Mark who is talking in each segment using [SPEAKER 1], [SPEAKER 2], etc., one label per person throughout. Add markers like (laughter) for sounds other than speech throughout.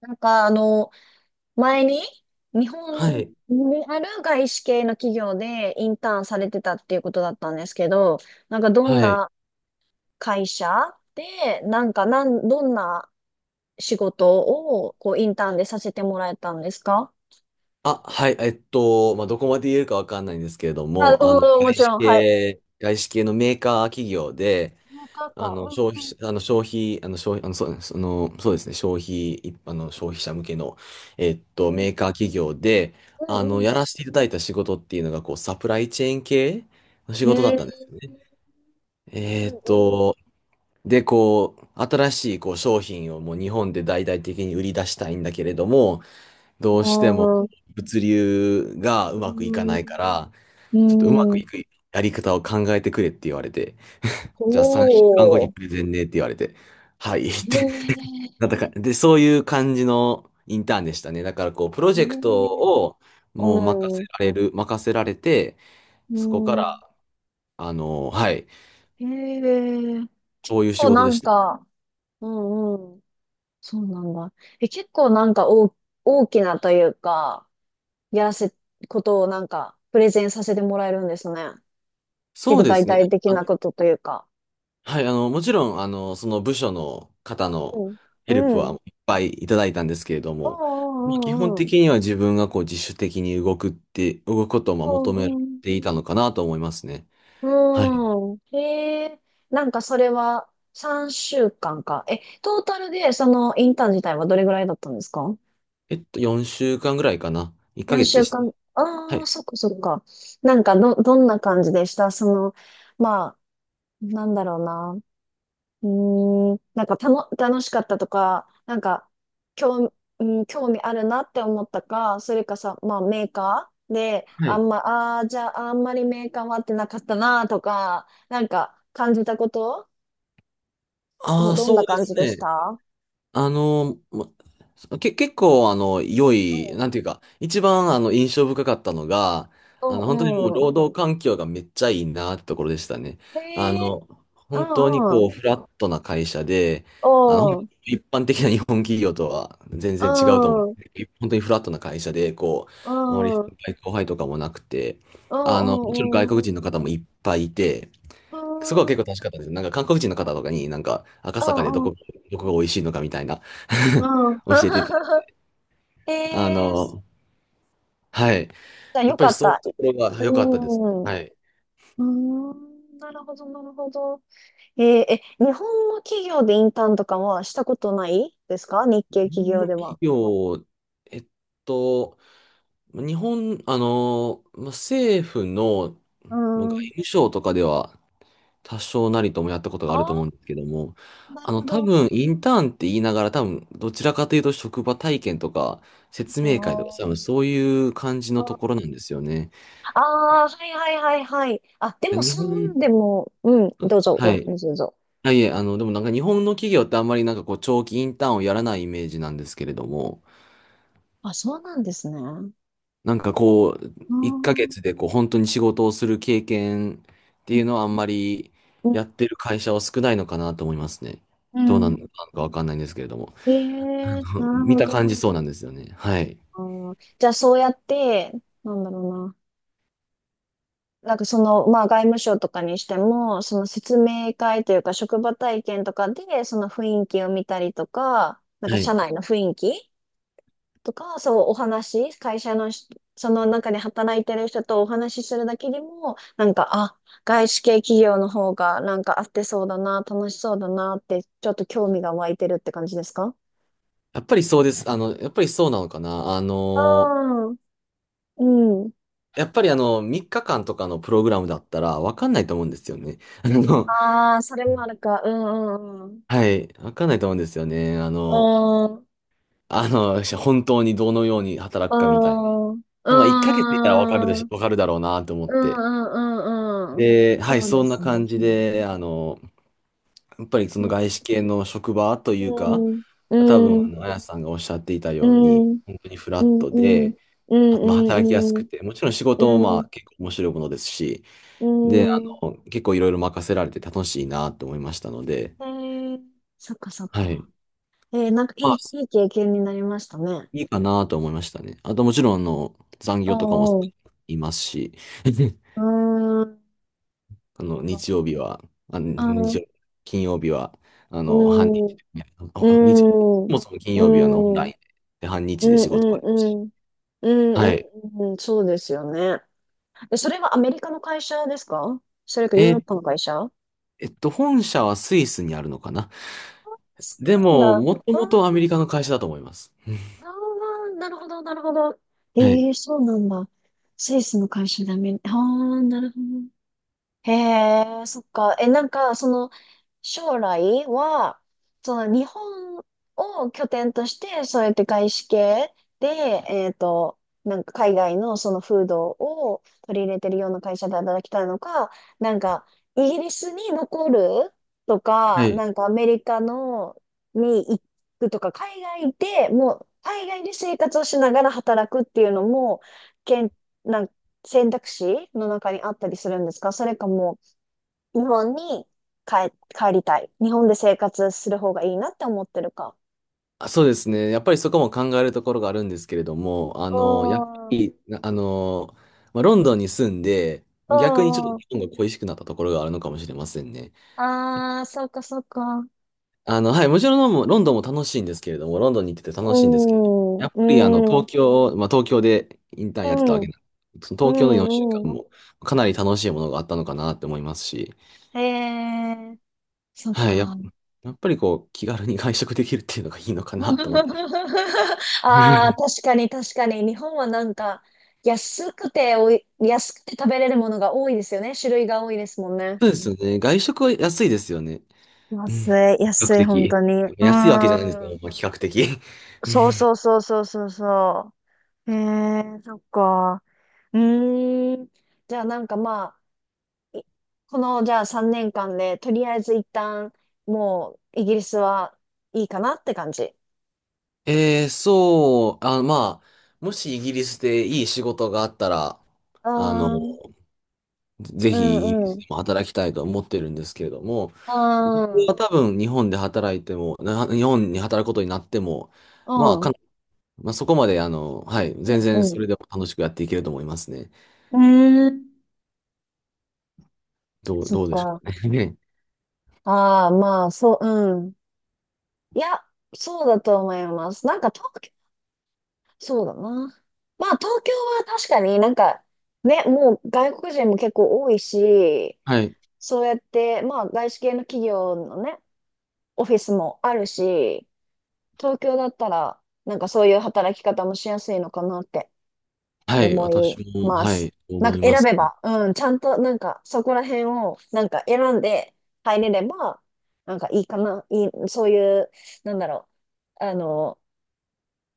[SPEAKER 1] なんか、あの、前に日
[SPEAKER 2] は
[SPEAKER 1] 本
[SPEAKER 2] い。
[SPEAKER 1] にある外資系の企業でインターンされてたっていうことだったんですけど、どん
[SPEAKER 2] はい。
[SPEAKER 1] な会社で、なんかなん、どんな仕事をインターンでさせてもらえたんですか？
[SPEAKER 2] あ、はい。まあ、どこまで言えるかわかんないんですけれど
[SPEAKER 1] あ、
[SPEAKER 2] も、
[SPEAKER 1] うん、もちろん、はい。
[SPEAKER 2] 外資系のメーカー企業で、
[SPEAKER 1] なん
[SPEAKER 2] あ
[SPEAKER 1] か、
[SPEAKER 2] の、消費、あの、消費、あの、消費、あの、そうその、そうですね、一般の消費者向けの、
[SPEAKER 1] うん、う
[SPEAKER 2] メ
[SPEAKER 1] ん、
[SPEAKER 2] ーカー企業で、
[SPEAKER 1] うん、う
[SPEAKER 2] や
[SPEAKER 1] ん。
[SPEAKER 2] らせていただいた仕事っていうのが、こう、サプライチェーン系の仕
[SPEAKER 1] うん、
[SPEAKER 2] 事だっ
[SPEAKER 1] えー、
[SPEAKER 2] たんですよね。え
[SPEAKER 1] う
[SPEAKER 2] っ
[SPEAKER 1] ん、
[SPEAKER 2] と、で、こう、新しいこう商品をもう日本で大々的に売り出したいんだけれども、どうしても
[SPEAKER 1] うん。
[SPEAKER 2] 物流がう
[SPEAKER 1] う
[SPEAKER 2] まくいかないか
[SPEAKER 1] ん、
[SPEAKER 2] ら、
[SPEAKER 1] う
[SPEAKER 2] ちょっとうま
[SPEAKER 1] ん、
[SPEAKER 2] く
[SPEAKER 1] うん。
[SPEAKER 2] いくやり方を考えてくれって言われて、じゃあ3週間後
[SPEAKER 1] お
[SPEAKER 2] に
[SPEAKER 1] ー、
[SPEAKER 2] プレゼンねって言われて、はいっ
[SPEAKER 1] へ
[SPEAKER 2] て (laughs)
[SPEAKER 1] ー、
[SPEAKER 2] なったか、で、そういう感じのインターンでしたね。だからこう、プロ
[SPEAKER 1] へ
[SPEAKER 2] ジェクト
[SPEAKER 1] ー、
[SPEAKER 2] をもう任せ
[SPEAKER 1] うん。
[SPEAKER 2] られる、任せられて、
[SPEAKER 1] う
[SPEAKER 2] そこか
[SPEAKER 1] ん。
[SPEAKER 2] ら、はい、
[SPEAKER 1] へえ。結
[SPEAKER 2] そういう仕
[SPEAKER 1] 構
[SPEAKER 2] 事
[SPEAKER 1] な
[SPEAKER 2] で
[SPEAKER 1] ん
[SPEAKER 2] した。
[SPEAKER 1] か、うんうん。そうなんだ。え、結構なんか大、大きなというか、やらせ、ことをプレゼンさせてもらえるんですね。
[SPEAKER 2] そ
[SPEAKER 1] 結
[SPEAKER 2] う
[SPEAKER 1] 構
[SPEAKER 2] で
[SPEAKER 1] 大
[SPEAKER 2] すね。
[SPEAKER 1] 体的
[SPEAKER 2] あ
[SPEAKER 1] なことというか。
[SPEAKER 2] はい、もちろん、その部署の方
[SPEAKER 1] う
[SPEAKER 2] の
[SPEAKER 1] ん。
[SPEAKER 2] ヘルプ
[SPEAKER 1] う
[SPEAKER 2] は
[SPEAKER 1] ん。
[SPEAKER 2] いっぱいいただいたんですけれど
[SPEAKER 1] う
[SPEAKER 2] も、まあ基本
[SPEAKER 1] んうん
[SPEAKER 2] 的には自分がこう自主的に動くって、動くことをまあ
[SPEAKER 1] うんう
[SPEAKER 2] 求め
[SPEAKER 1] ん。うんうん。
[SPEAKER 2] ていたのかなと思いますね。
[SPEAKER 1] う
[SPEAKER 2] はい。
[SPEAKER 1] んうんへえ。それは3週間かんか。え、トータルでそのインターン自体はどれぐらいだったんですか？
[SPEAKER 2] えっと、4週間ぐらいかな。1ヶ月
[SPEAKER 1] 4
[SPEAKER 2] で
[SPEAKER 1] 週
[SPEAKER 2] した。
[SPEAKER 1] 間、
[SPEAKER 2] は
[SPEAKER 1] ああ、
[SPEAKER 2] い。
[SPEAKER 1] そっかそっか。どんな感じでしたその、まあ、なんだろうな。楽しかったとか、なんか、興、うん、興味あるなって思ったか、それかさ、まあ、メーカーで、
[SPEAKER 2] はい。
[SPEAKER 1] じゃあ、あんまりメーカーは合ってなかったなとか、感じたこと、
[SPEAKER 2] ああ、
[SPEAKER 1] どん
[SPEAKER 2] そ
[SPEAKER 1] な
[SPEAKER 2] うで
[SPEAKER 1] 感
[SPEAKER 2] す
[SPEAKER 1] じでし
[SPEAKER 2] ね。
[SPEAKER 1] た？
[SPEAKER 2] あの、まけ、結構、良い、なんていうか、一番、印象深かったのが、
[SPEAKER 1] うん、う
[SPEAKER 2] 本当にもう、
[SPEAKER 1] ん、うん。
[SPEAKER 2] 労働環境がめっちゃいいなってところでしたね。
[SPEAKER 1] へ
[SPEAKER 2] あ
[SPEAKER 1] え、
[SPEAKER 2] の、
[SPEAKER 1] う
[SPEAKER 2] 本当に
[SPEAKER 1] ん、う
[SPEAKER 2] こ
[SPEAKER 1] ん。
[SPEAKER 2] う、フラットな会社で、あの、
[SPEAKER 1] おう、
[SPEAKER 2] 一般的な日本企業とは全然違うと思う。
[SPEAKER 1] うん、
[SPEAKER 2] 本当にフラットな会社で、こ
[SPEAKER 1] う
[SPEAKER 2] う、あまり先
[SPEAKER 1] ん。
[SPEAKER 2] 輩後輩とかもなくて、
[SPEAKER 1] うんう
[SPEAKER 2] もちろん
[SPEAKER 1] んうん。
[SPEAKER 2] 外
[SPEAKER 1] う
[SPEAKER 2] 国人の方もいっぱいいて、
[SPEAKER 1] ー
[SPEAKER 2] そこは結構
[SPEAKER 1] ん。
[SPEAKER 2] 楽しかったです。なんか韓国人の方とかになんか赤
[SPEAKER 1] う
[SPEAKER 2] 坂でど
[SPEAKER 1] んうん
[SPEAKER 2] こ、どこが美味しいのかみたいな
[SPEAKER 1] う
[SPEAKER 2] (laughs)
[SPEAKER 1] ん。
[SPEAKER 2] 教えていただいて、
[SPEAKER 1] (laughs) え
[SPEAKER 2] あ
[SPEAKER 1] え、ー、じ
[SPEAKER 2] の、はい。
[SPEAKER 1] ゃあ
[SPEAKER 2] やっ
[SPEAKER 1] よ
[SPEAKER 2] ぱ
[SPEAKER 1] か
[SPEAKER 2] り
[SPEAKER 1] っ
[SPEAKER 2] そういう
[SPEAKER 1] た。
[SPEAKER 2] ところ
[SPEAKER 1] う
[SPEAKER 2] が
[SPEAKER 1] ー
[SPEAKER 2] 良かったです。
[SPEAKER 1] ん。う
[SPEAKER 2] はい。
[SPEAKER 1] ーん。なるほど、なるほど。えー、え、日本の企業でインターンとかはしたことないですか、日
[SPEAKER 2] 日
[SPEAKER 1] 系企
[SPEAKER 2] 本
[SPEAKER 1] 業
[SPEAKER 2] の
[SPEAKER 1] で
[SPEAKER 2] 企
[SPEAKER 1] は？
[SPEAKER 2] 業、えっと、日本、まあ政府の
[SPEAKER 1] うー
[SPEAKER 2] まあ外
[SPEAKER 1] ん。
[SPEAKER 2] 務省とかでは多少なりともやったことが
[SPEAKER 1] あ
[SPEAKER 2] あると思
[SPEAKER 1] あ、
[SPEAKER 2] うんですけども、
[SPEAKER 1] なるほ
[SPEAKER 2] 多
[SPEAKER 1] ど。
[SPEAKER 2] 分インターンって言いながら多分どちらかというと職場体験とか説
[SPEAKER 1] あ
[SPEAKER 2] 明会とか多
[SPEAKER 1] ー
[SPEAKER 2] 分そういう感じのところなんですよね。
[SPEAKER 1] あー、はいはいはいはい。あ、でも
[SPEAKER 2] 日
[SPEAKER 1] そ
[SPEAKER 2] 本、
[SPEAKER 1] んでも、うん、
[SPEAKER 2] は
[SPEAKER 1] どう
[SPEAKER 2] い。
[SPEAKER 1] ぞ。
[SPEAKER 2] はいえ、でもなんか日本の企業ってあんまりなんかこう長期インターンをやらないイメージなんですけれども、
[SPEAKER 1] あ、そうなんですね。うー
[SPEAKER 2] なんかこう、
[SPEAKER 1] う
[SPEAKER 2] 1ヶ
[SPEAKER 1] ん。
[SPEAKER 2] 月でこう本当に仕事をする経験っていうのはあんまり
[SPEAKER 1] う
[SPEAKER 2] や
[SPEAKER 1] ん。
[SPEAKER 2] ってる会社は少ないのかなと思いますね。
[SPEAKER 1] う
[SPEAKER 2] どうなんの
[SPEAKER 1] ん。
[SPEAKER 2] かわかんないんですけれども。
[SPEAKER 1] ええ、
[SPEAKER 2] (laughs)
[SPEAKER 1] なる
[SPEAKER 2] 見
[SPEAKER 1] ほ
[SPEAKER 2] た
[SPEAKER 1] ど。
[SPEAKER 2] 感じそうなんですよね。はい。
[SPEAKER 1] あー、じゃあそうやって、なんだろうな。その、まあ外務省とかにしても、その説明会というか職場体験とかで、その雰囲気を見たりとか、
[SPEAKER 2] は
[SPEAKER 1] 社
[SPEAKER 2] い。
[SPEAKER 1] 内の雰囲気とか、そうお話、会社のし、その中で働いてる人とお話しするだけでも、外資系企業の方がなんか合ってそうだな、楽しそうだなって、ちょっと興味が湧いてるって感じですか？
[SPEAKER 2] やっぱりそうです。やっぱりそうなのかな。あ
[SPEAKER 1] あ、あ
[SPEAKER 2] の、
[SPEAKER 1] ー、うん。
[SPEAKER 2] やっぱりあの、3日間とかのプログラムだったらわかんないと思うんですよね。
[SPEAKER 1] ああ、それもあるか。うんうんうん。
[SPEAKER 2] はい。わかんないと思うんですよね。
[SPEAKER 1] うん。
[SPEAKER 2] (laughs) 本当にどのように働くかみたいね。
[SPEAKER 1] うん。
[SPEAKER 2] でもまあ、1ヶ月いたら
[SPEAKER 1] うん。
[SPEAKER 2] わかるだろうなと思っ
[SPEAKER 1] う
[SPEAKER 2] て。
[SPEAKER 1] んうんうん。
[SPEAKER 2] で、
[SPEAKER 1] そ
[SPEAKER 2] はい、
[SPEAKER 1] う
[SPEAKER 2] そ
[SPEAKER 1] で
[SPEAKER 2] んな
[SPEAKER 1] すね。
[SPEAKER 2] 感じで、やっぱりそ
[SPEAKER 1] う
[SPEAKER 2] の
[SPEAKER 1] ん。
[SPEAKER 2] 外資系の職場というか、
[SPEAKER 1] う
[SPEAKER 2] 多分、
[SPEAKER 1] ん。
[SPEAKER 2] あやさんがおっしゃっていた
[SPEAKER 1] う
[SPEAKER 2] ように、
[SPEAKER 1] ん。
[SPEAKER 2] 本当にフ
[SPEAKER 1] う
[SPEAKER 2] ラッ
[SPEAKER 1] ん。
[SPEAKER 2] ト
[SPEAKER 1] うん。
[SPEAKER 2] で、
[SPEAKER 1] う
[SPEAKER 2] まあ、
[SPEAKER 1] ん。
[SPEAKER 2] 働きやす
[SPEAKER 1] う
[SPEAKER 2] く
[SPEAKER 1] ん。
[SPEAKER 2] て、もちろん仕事も
[SPEAKER 1] う
[SPEAKER 2] ま
[SPEAKER 1] ん。
[SPEAKER 2] あ結構面白いものですし、で、
[SPEAKER 1] う
[SPEAKER 2] 結構いろいろ任せられて楽しいなと思いましたので、
[SPEAKER 1] ん。へえ。そっかそっ
[SPEAKER 2] はい。
[SPEAKER 1] か。えー、
[SPEAKER 2] ま
[SPEAKER 1] い
[SPEAKER 2] あ
[SPEAKER 1] い、いい経験になりましたね。
[SPEAKER 2] いいかなと思いましたね。あともちろん、残
[SPEAKER 1] う
[SPEAKER 2] 業とかも
[SPEAKER 1] んう
[SPEAKER 2] いますし、(laughs)
[SPEAKER 1] ん。うん。
[SPEAKER 2] 日曜日は、あ、日
[SPEAKER 1] ん。
[SPEAKER 2] 曜、金曜日は、あ
[SPEAKER 1] う
[SPEAKER 2] の、半日、
[SPEAKER 1] ん。う
[SPEAKER 2] あ、あ日、
[SPEAKER 1] ん。うん。う
[SPEAKER 2] そ
[SPEAKER 1] ん。
[SPEAKER 2] もそも金
[SPEAKER 1] う
[SPEAKER 2] 曜日はあのオン
[SPEAKER 1] ん。
[SPEAKER 2] ラ
[SPEAKER 1] う
[SPEAKER 2] イ
[SPEAKER 1] ん。
[SPEAKER 2] ンで、半日で仕事があ
[SPEAKER 1] うん。
[SPEAKER 2] りますし。
[SPEAKER 1] うんう
[SPEAKER 2] はい。
[SPEAKER 1] んうん、そうですよね。え、それはアメリカの会社ですか、それかヨ
[SPEAKER 2] え
[SPEAKER 1] ーロッ
[SPEAKER 2] ー、
[SPEAKER 1] パの会社？
[SPEAKER 2] 本社はスイスにあるのかな。
[SPEAKER 1] そ
[SPEAKER 2] で
[SPEAKER 1] う
[SPEAKER 2] も、
[SPEAKER 1] なんだ。
[SPEAKER 2] もと
[SPEAKER 1] あー、
[SPEAKER 2] もとアメリカの会社だと思います。(laughs)
[SPEAKER 1] あー、なるほど、なるほど。
[SPEAKER 2] はい。
[SPEAKER 1] ええ、そうなんだ。スイスの会社でアメリ、ああ、なるほど。へえ、そっか。え、なんか、その、将来は、その、日本を拠点として、そうやって外資系で、えっと、海外のその風土を取り入れてるような会社で働きたいのか、なんか、イギリスに残ると
[SPEAKER 2] は
[SPEAKER 1] か、
[SPEAKER 2] い。
[SPEAKER 1] なんか、アメリカの、に行くとか、海外で生活をしながら働くっていうのも、けん、選択肢の中にあったりするんですか？それか、日本に帰りたい、日本で生活する方がいいなって思ってるか。
[SPEAKER 2] あそうですね。やっぱりそこも考えるところがあるんですけれども、あ
[SPEAKER 1] う
[SPEAKER 2] の、やっぱ
[SPEAKER 1] ん、う
[SPEAKER 2] り、なあの、まあ、ロンドンに住んで、まあ逆にちょっ
[SPEAKER 1] ん、う
[SPEAKER 2] と
[SPEAKER 1] ん。
[SPEAKER 2] 日本が恋しくなったところがあるのかもしれませんね。
[SPEAKER 1] ああ、そっかそっか。
[SPEAKER 2] はい、もちろんロンドンも楽しいんですけれども、ロンドンに行ってて
[SPEAKER 1] う
[SPEAKER 2] 楽しいんですけれども、
[SPEAKER 1] ん、う
[SPEAKER 2] やっぱりあの、
[SPEAKER 1] ん、うん、
[SPEAKER 2] 東京、まあ、東京でインターンやってたわけなんで、その
[SPEAKER 1] う
[SPEAKER 2] 東京の4週
[SPEAKER 1] ん、うん。
[SPEAKER 2] 間もかなり楽しいものがあったのかなって思いますし、
[SPEAKER 1] へえ、そっ
[SPEAKER 2] はい、や、
[SPEAKER 1] か。
[SPEAKER 2] やっぱりこう、気軽に外食できるっていうのがいいのかなと思って。
[SPEAKER 1] (laughs) ああ、
[SPEAKER 2] (laughs)
[SPEAKER 1] 確かに確かに。日本はなんか、安くておい、安くて食べれるものが多いですよね。種類が多いですもんね。
[SPEAKER 2] そうですよね。外食は安いですよね。う
[SPEAKER 1] 安
[SPEAKER 2] ん、比較
[SPEAKER 1] 安い、本
[SPEAKER 2] 的。
[SPEAKER 1] 当に。う
[SPEAKER 2] 安いわけじゃないんです
[SPEAKER 1] ー
[SPEAKER 2] けど、
[SPEAKER 1] ん。
[SPEAKER 2] まあ、比較的。
[SPEAKER 1] そう
[SPEAKER 2] (laughs)
[SPEAKER 1] そうそうそうそうそう。へえ、そっか。うーん。じゃあなんかまあ、いこのじゃあ3年間で、とりあえず一旦、もうイギリスはいいかなって感じ。
[SPEAKER 2] そう、あ、まあ、もしイギリスでいい仕事があったら、
[SPEAKER 1] う
[SPEAKER 2] あの、
[SPEAKER 1] ーん、
[SPEAKER 2] ぜ
[SPEAKER 1] う
[SPEAKER 2] ひイギリ
[SPEAKER 1] ん、う
[SPEAKER 2] ス
[SPEAKER 1] ん。う
[SPEAKER 2] でも働きたいと思ってるんですけれども、僕
[SPEAKER 1] ーん、
[SPEAKER 2] は多分日本で働いても、日本に働くことになっても、ま
[SPEAKER 1] う
[SPEAKER 2] あ、か
[SPEAKER 1] ん、
[SPEAKER 2] なまあ、そこまで、はい、
[SPEAKER 1] う
[SPEAKER 2] 全然そ
[SPEAKER 1] ん。
[SPEAKER 2] れでも楽しくやっていけると思いますね。
[SPEAKER 1] うーん。そっ
[SPEAKER 2] どうでしょ
[SPEAKER 1] か。
[SPEAKER 2] うかね。(laughs) ね、
[SPEAKER 1] ああ、まあ、そう、うん。いや、そうだと思います。なんか東そうだな。まあ、東京は確かに、ね、もう外国人も結構多いし、
[SPEAKER 2] はい。
[SPEAKER 1] そうやって、まあ、外資系の企業のね、オフィスもあるし、東京だったら、なんかそういう働き方もしやすいのかなって
[SPEAKER 2] はい、
[SPEAKER 1] 思い
[SPEAKER 2] 私も、
[SPEAKER 1] ま
[SPEAKER 2] は
[SPEAKER 1] す。
[SPEAKER 2] い、
[SPEAKER 1] なん
[SPEAKER 2] 思
[SPEAKER 1] か
[SPEAKER 2] いま
[SPEAKER 1] 選
[SPEAKER 2] す
[SPEAKER 1] べ
[SPEAKER 2] ね。
[SPEAKER 1] ば、うん、ちゃんとなんかそこら辺をなんか選んで入れれば、なんかいいかな、いい、そういう、なんだろう、あの、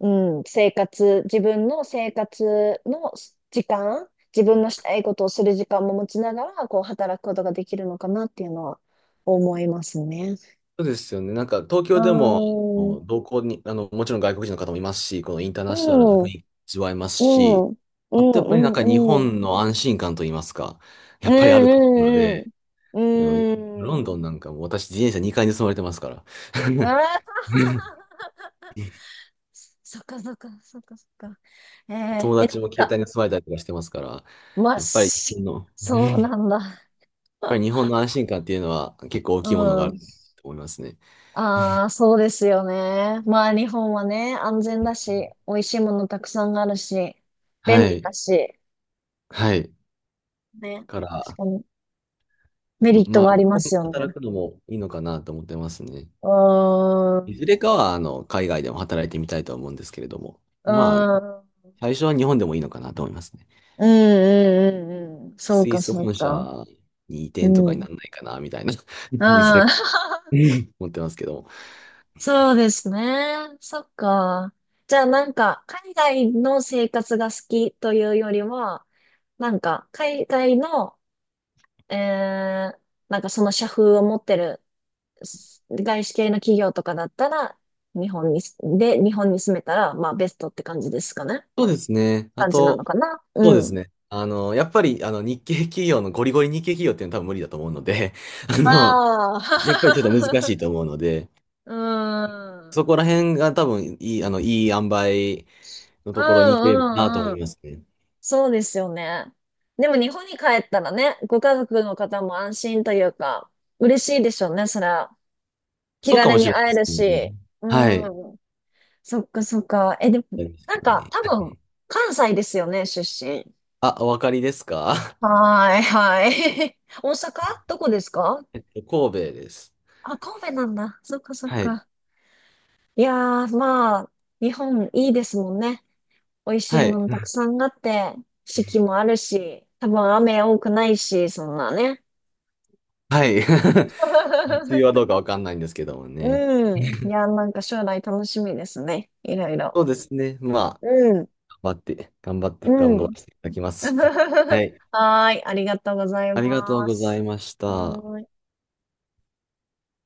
[SPEAKER 1] うん、自分の生活の時間、自分のしたいことをする時間も持ちながら、こう働くことができるのかなっていうのは思いますね。
[SPEAKER 2] そうですよね。なんか東
[SPEAKER 1] うー
[SPEAKER 2] 京でも、あう
[SPEAKER 1] ん、う
[SPEAKER 2] の同行に、あの、もちろん外国人の方もいますし、このインターナショナルな
[SPEAKER 1] ん、う
[SPEAKER 2] 雰
[SPEAKER 1] ん、
[SPEAKER 2] 囲気味わえます
[SPEAKER 1] う
[SPEAKER 2] し、
[SPEAKER 1] ん、うん、う
[SPEAKER 2] あとやっぱりなんか日
[SPEAKER 1] ん、うん、
[SPEAKER 2] 本の安心感といいますか、や
[SPEAKER 1] う
[SPEAKER 2] っぱりあると思うの
[SPEAKER 1] ん、
[SPEAKER 2] で、
[SPEAKER 1] う
[SPEAKER 2] あの
[SPEAKER 1] ん、
[SPEAKER 2] ロ
[SPEAKER 1] う
[SPEAKER 2] ン
[SPEAKER 1] ん、
[SPEAKER 2] ドンなんかも私自転車2回盗まれてますから、(laughs)
[SPEAKER 1] ああ、(laughs) そっかそっかそっかそっか。えー、
[SPEAKER 2] 友
[SPEAKER 1] え、なん
[SPEAKER 2] 達も携帯
[SPEAKER 1] か、
[SPEAKER 2] に盗まれたりとかしてますから、
[SPEAKER 1] まっし、そう
[SPEAKER 2] や
[SPEAKER 1] なんだ。
[SPEAKER 2] っぱ
[SPEAKER 1] (laughs)
[SPEAKER 2] り日本の安心感っていうのは結構大きいものがあ
[SPEAKER 1] う
[SPEAKER 2] る
[SPEAKER 1] ん。
[SPEAKER 2] と思いますね。
[SPEAKER 1] ああ、そうですよね。まあ、日本はね、安全だし、美味しいものたくさんあるし、便
[SPEAKER 2] は
[SPEAKER 1] 利だ
[SPEAKER 2] い。
[SPEAKER 1] し、
[SPEAKER 2] はい。
[SPEAKER 1] ね。
[SPEAKER 2] か
[SPEAKER 1] 確
[SPEAKER 2] ら、
[SPEAKER 1] かに、メリッ
[SPEAKER 2] ま
[SPEAKER 1] トは
[SPEAKER 2] あ、
[SPEAKER 1] あ
[SPEAKER 2] 日
[SPEAKER 1] りま
[SPEAKER 2] 本で
[SPEAKER 1] すよ
[SPEAKER 2] 働
[SPEAKER 1] ね。
[SPEAKER 2] くのもいいのかなと思ってますね。
[SPEAKER 1] うーん、
[SPEAKER 2] い
[SPEAKER 1] う
[SPEAKER 2] ずれかは、海外でも働いてみたいとは思うんですけれども、
[SPEAKER 1] ー
[SPEAKER 2] まあ、
[SPEAKER 1] ん、
[SPEAKER 2] 最初は日本でもいいのかなと思いますね。
[SPEAKER 1] うん、うん、うん、うん。そう
[SPEAKER 2] スイ
[SPEAKER 1] か、
[SPEAKER 2] ス
[SPEAKER 1] そう
[SPEAKER 2] 本社
[SPEAKER 1] か。
[SPEAKER 2] に移
[SPEAKER 1] う
[SPEAKER 2] 転と
[SPEAKER 1] ん。
[SPEAKER 2] か
[SPEAKER 1] う
[SPEAKER 2] に
[SPEAKER 1] ん。
[SPEAKER 2] ならないかな、みたいな、(laughs) いずれか
[SPEAKER 1] (laughs)
[SPEAKER 2] 思ってますけども。
[SPEAKER 1] そうですね。そっか。じゃあ、海外の生活が好きというよりは、なんか、海外の、えー、なんかその社風を持ってる外資系の企業とかだったら、日本に住めたら、まあ、ベストって感じですかね。
[SPEAKER 2] そうですね。あ
[SPEAKER 1] 感じなの
[SPEAKER 2] と、
[SPEAKER 1] かな。
[SPEAKER 2] そう
[SPEAKER 1] う
[SPEAKER 2] です
[SPEAKER 1] ん。
[SPEAKER 2] ね。あの、やっぱり、あの、日系企業の、ゴリゴリ日系企業っていうのは多分無理だと思うので、(laughs) あの、
[SPEAKER 1] あ
[SPEAKER 2] やっぱりちょっと難
[SPEAKER 1] あ。
[SPEAKER 2] しいと思うので、
[SPEAKER 1] (laughs) うん。う
[SPEAKER 2] そ
[SPEAKER 1] ん
[SPEAKER 2] こら辺が多分いい、いい塩梅の
[SPEAKER 1] う
[SPEAKER 2] ところに行ければなと思
[SPEAKER 1] んう
[SPEAKER 2] い
[SPEAKER 1] ん。
[SPEAKER 2] ますね。
[SPEAKER 1] そうですよね。でも日本に帰ったらね、ご家族の方も安心というか、嬉しいでしょうね、それは。気
[SPEAKER 2] そうか
[SPEAKER 1] 軽
[SPEAKER 2] もし
[SPEAKER 1] に
[SPEAKER 2] れま
[SPEAKER 1] 会える
[SPEAKER 2] せんね。
[SPEAKER 1] し。う
[SPEAKER 2] はい。あ
[SPEAKER 1] ん。そっかそっか。え、でも、
[SPEAKER 2] ります
[SPEAKER 1] な
[SPEAKER 2] け
[SPEAKER 1] ん
[SPEAKER 2] ど
[SPEAKER 1] か
[SPEAKER 2] ね。
[SPEAKER 1] 多
[SPEAKER 2] は
[SPEAKER 1] 分、
[SPEAKER 2] い。
[SPEAKER 1] 関西ですよね、出身？
[SPEAKER 2] あ、お分かりですか？
[SPEAKER 1] はーい、はい。(laughs) 大阪？どこですか？
[SPEAKER 2] (laughs) えっと、(laughs) 神戸です。
[SPEAKER 1] あ、神戸なんだ。そっかそっ
[SPEAKER 2] はい。
[SPEAKER 1] か。いやー、まあ、日本いいですもんね。美味しい
[SPEAKER 2] は
[SPEAKER 1] も
[SPEAKER 2] い。
[SPEAKER 1] のたく
[SPEAKER 2] (laughs)
[SPEAKER 1] さんあって、四季もあるし、多分雨多くないし、そんなね。
[SPEAKER 2] はい。(laughs) 梅雨はどう
[SPEAKER 1] (laughs)
[SPEAKER 2] かわかんないんですけどもね。
[SPEAKER 1] うん。いやー、なんか将来楽しみですね、いろいろ。
[SPEAKER 2] そうですね。まあ、
[SPEAKER 1] うん、う
[SPEAKER 2] 頑張ら
[SPEAKER 1] ん。
[SPEAKER 2] せていただきます。(laughs) は
[SPEAKER 1] (laughs)
[SPEAKER 2] い。
[SPEAKER 1] はーい、ありがとうござい
[SPEAKER 2] ありがとう
[SPEAKER 1] ま
[SPEAKER 2] ござ
[SPEAKER 1] す。
[SPEAKER 2] いまし
[SPEAKER 1] は
[SPEAKER 2] た。
[SPEAKER 1] ーい。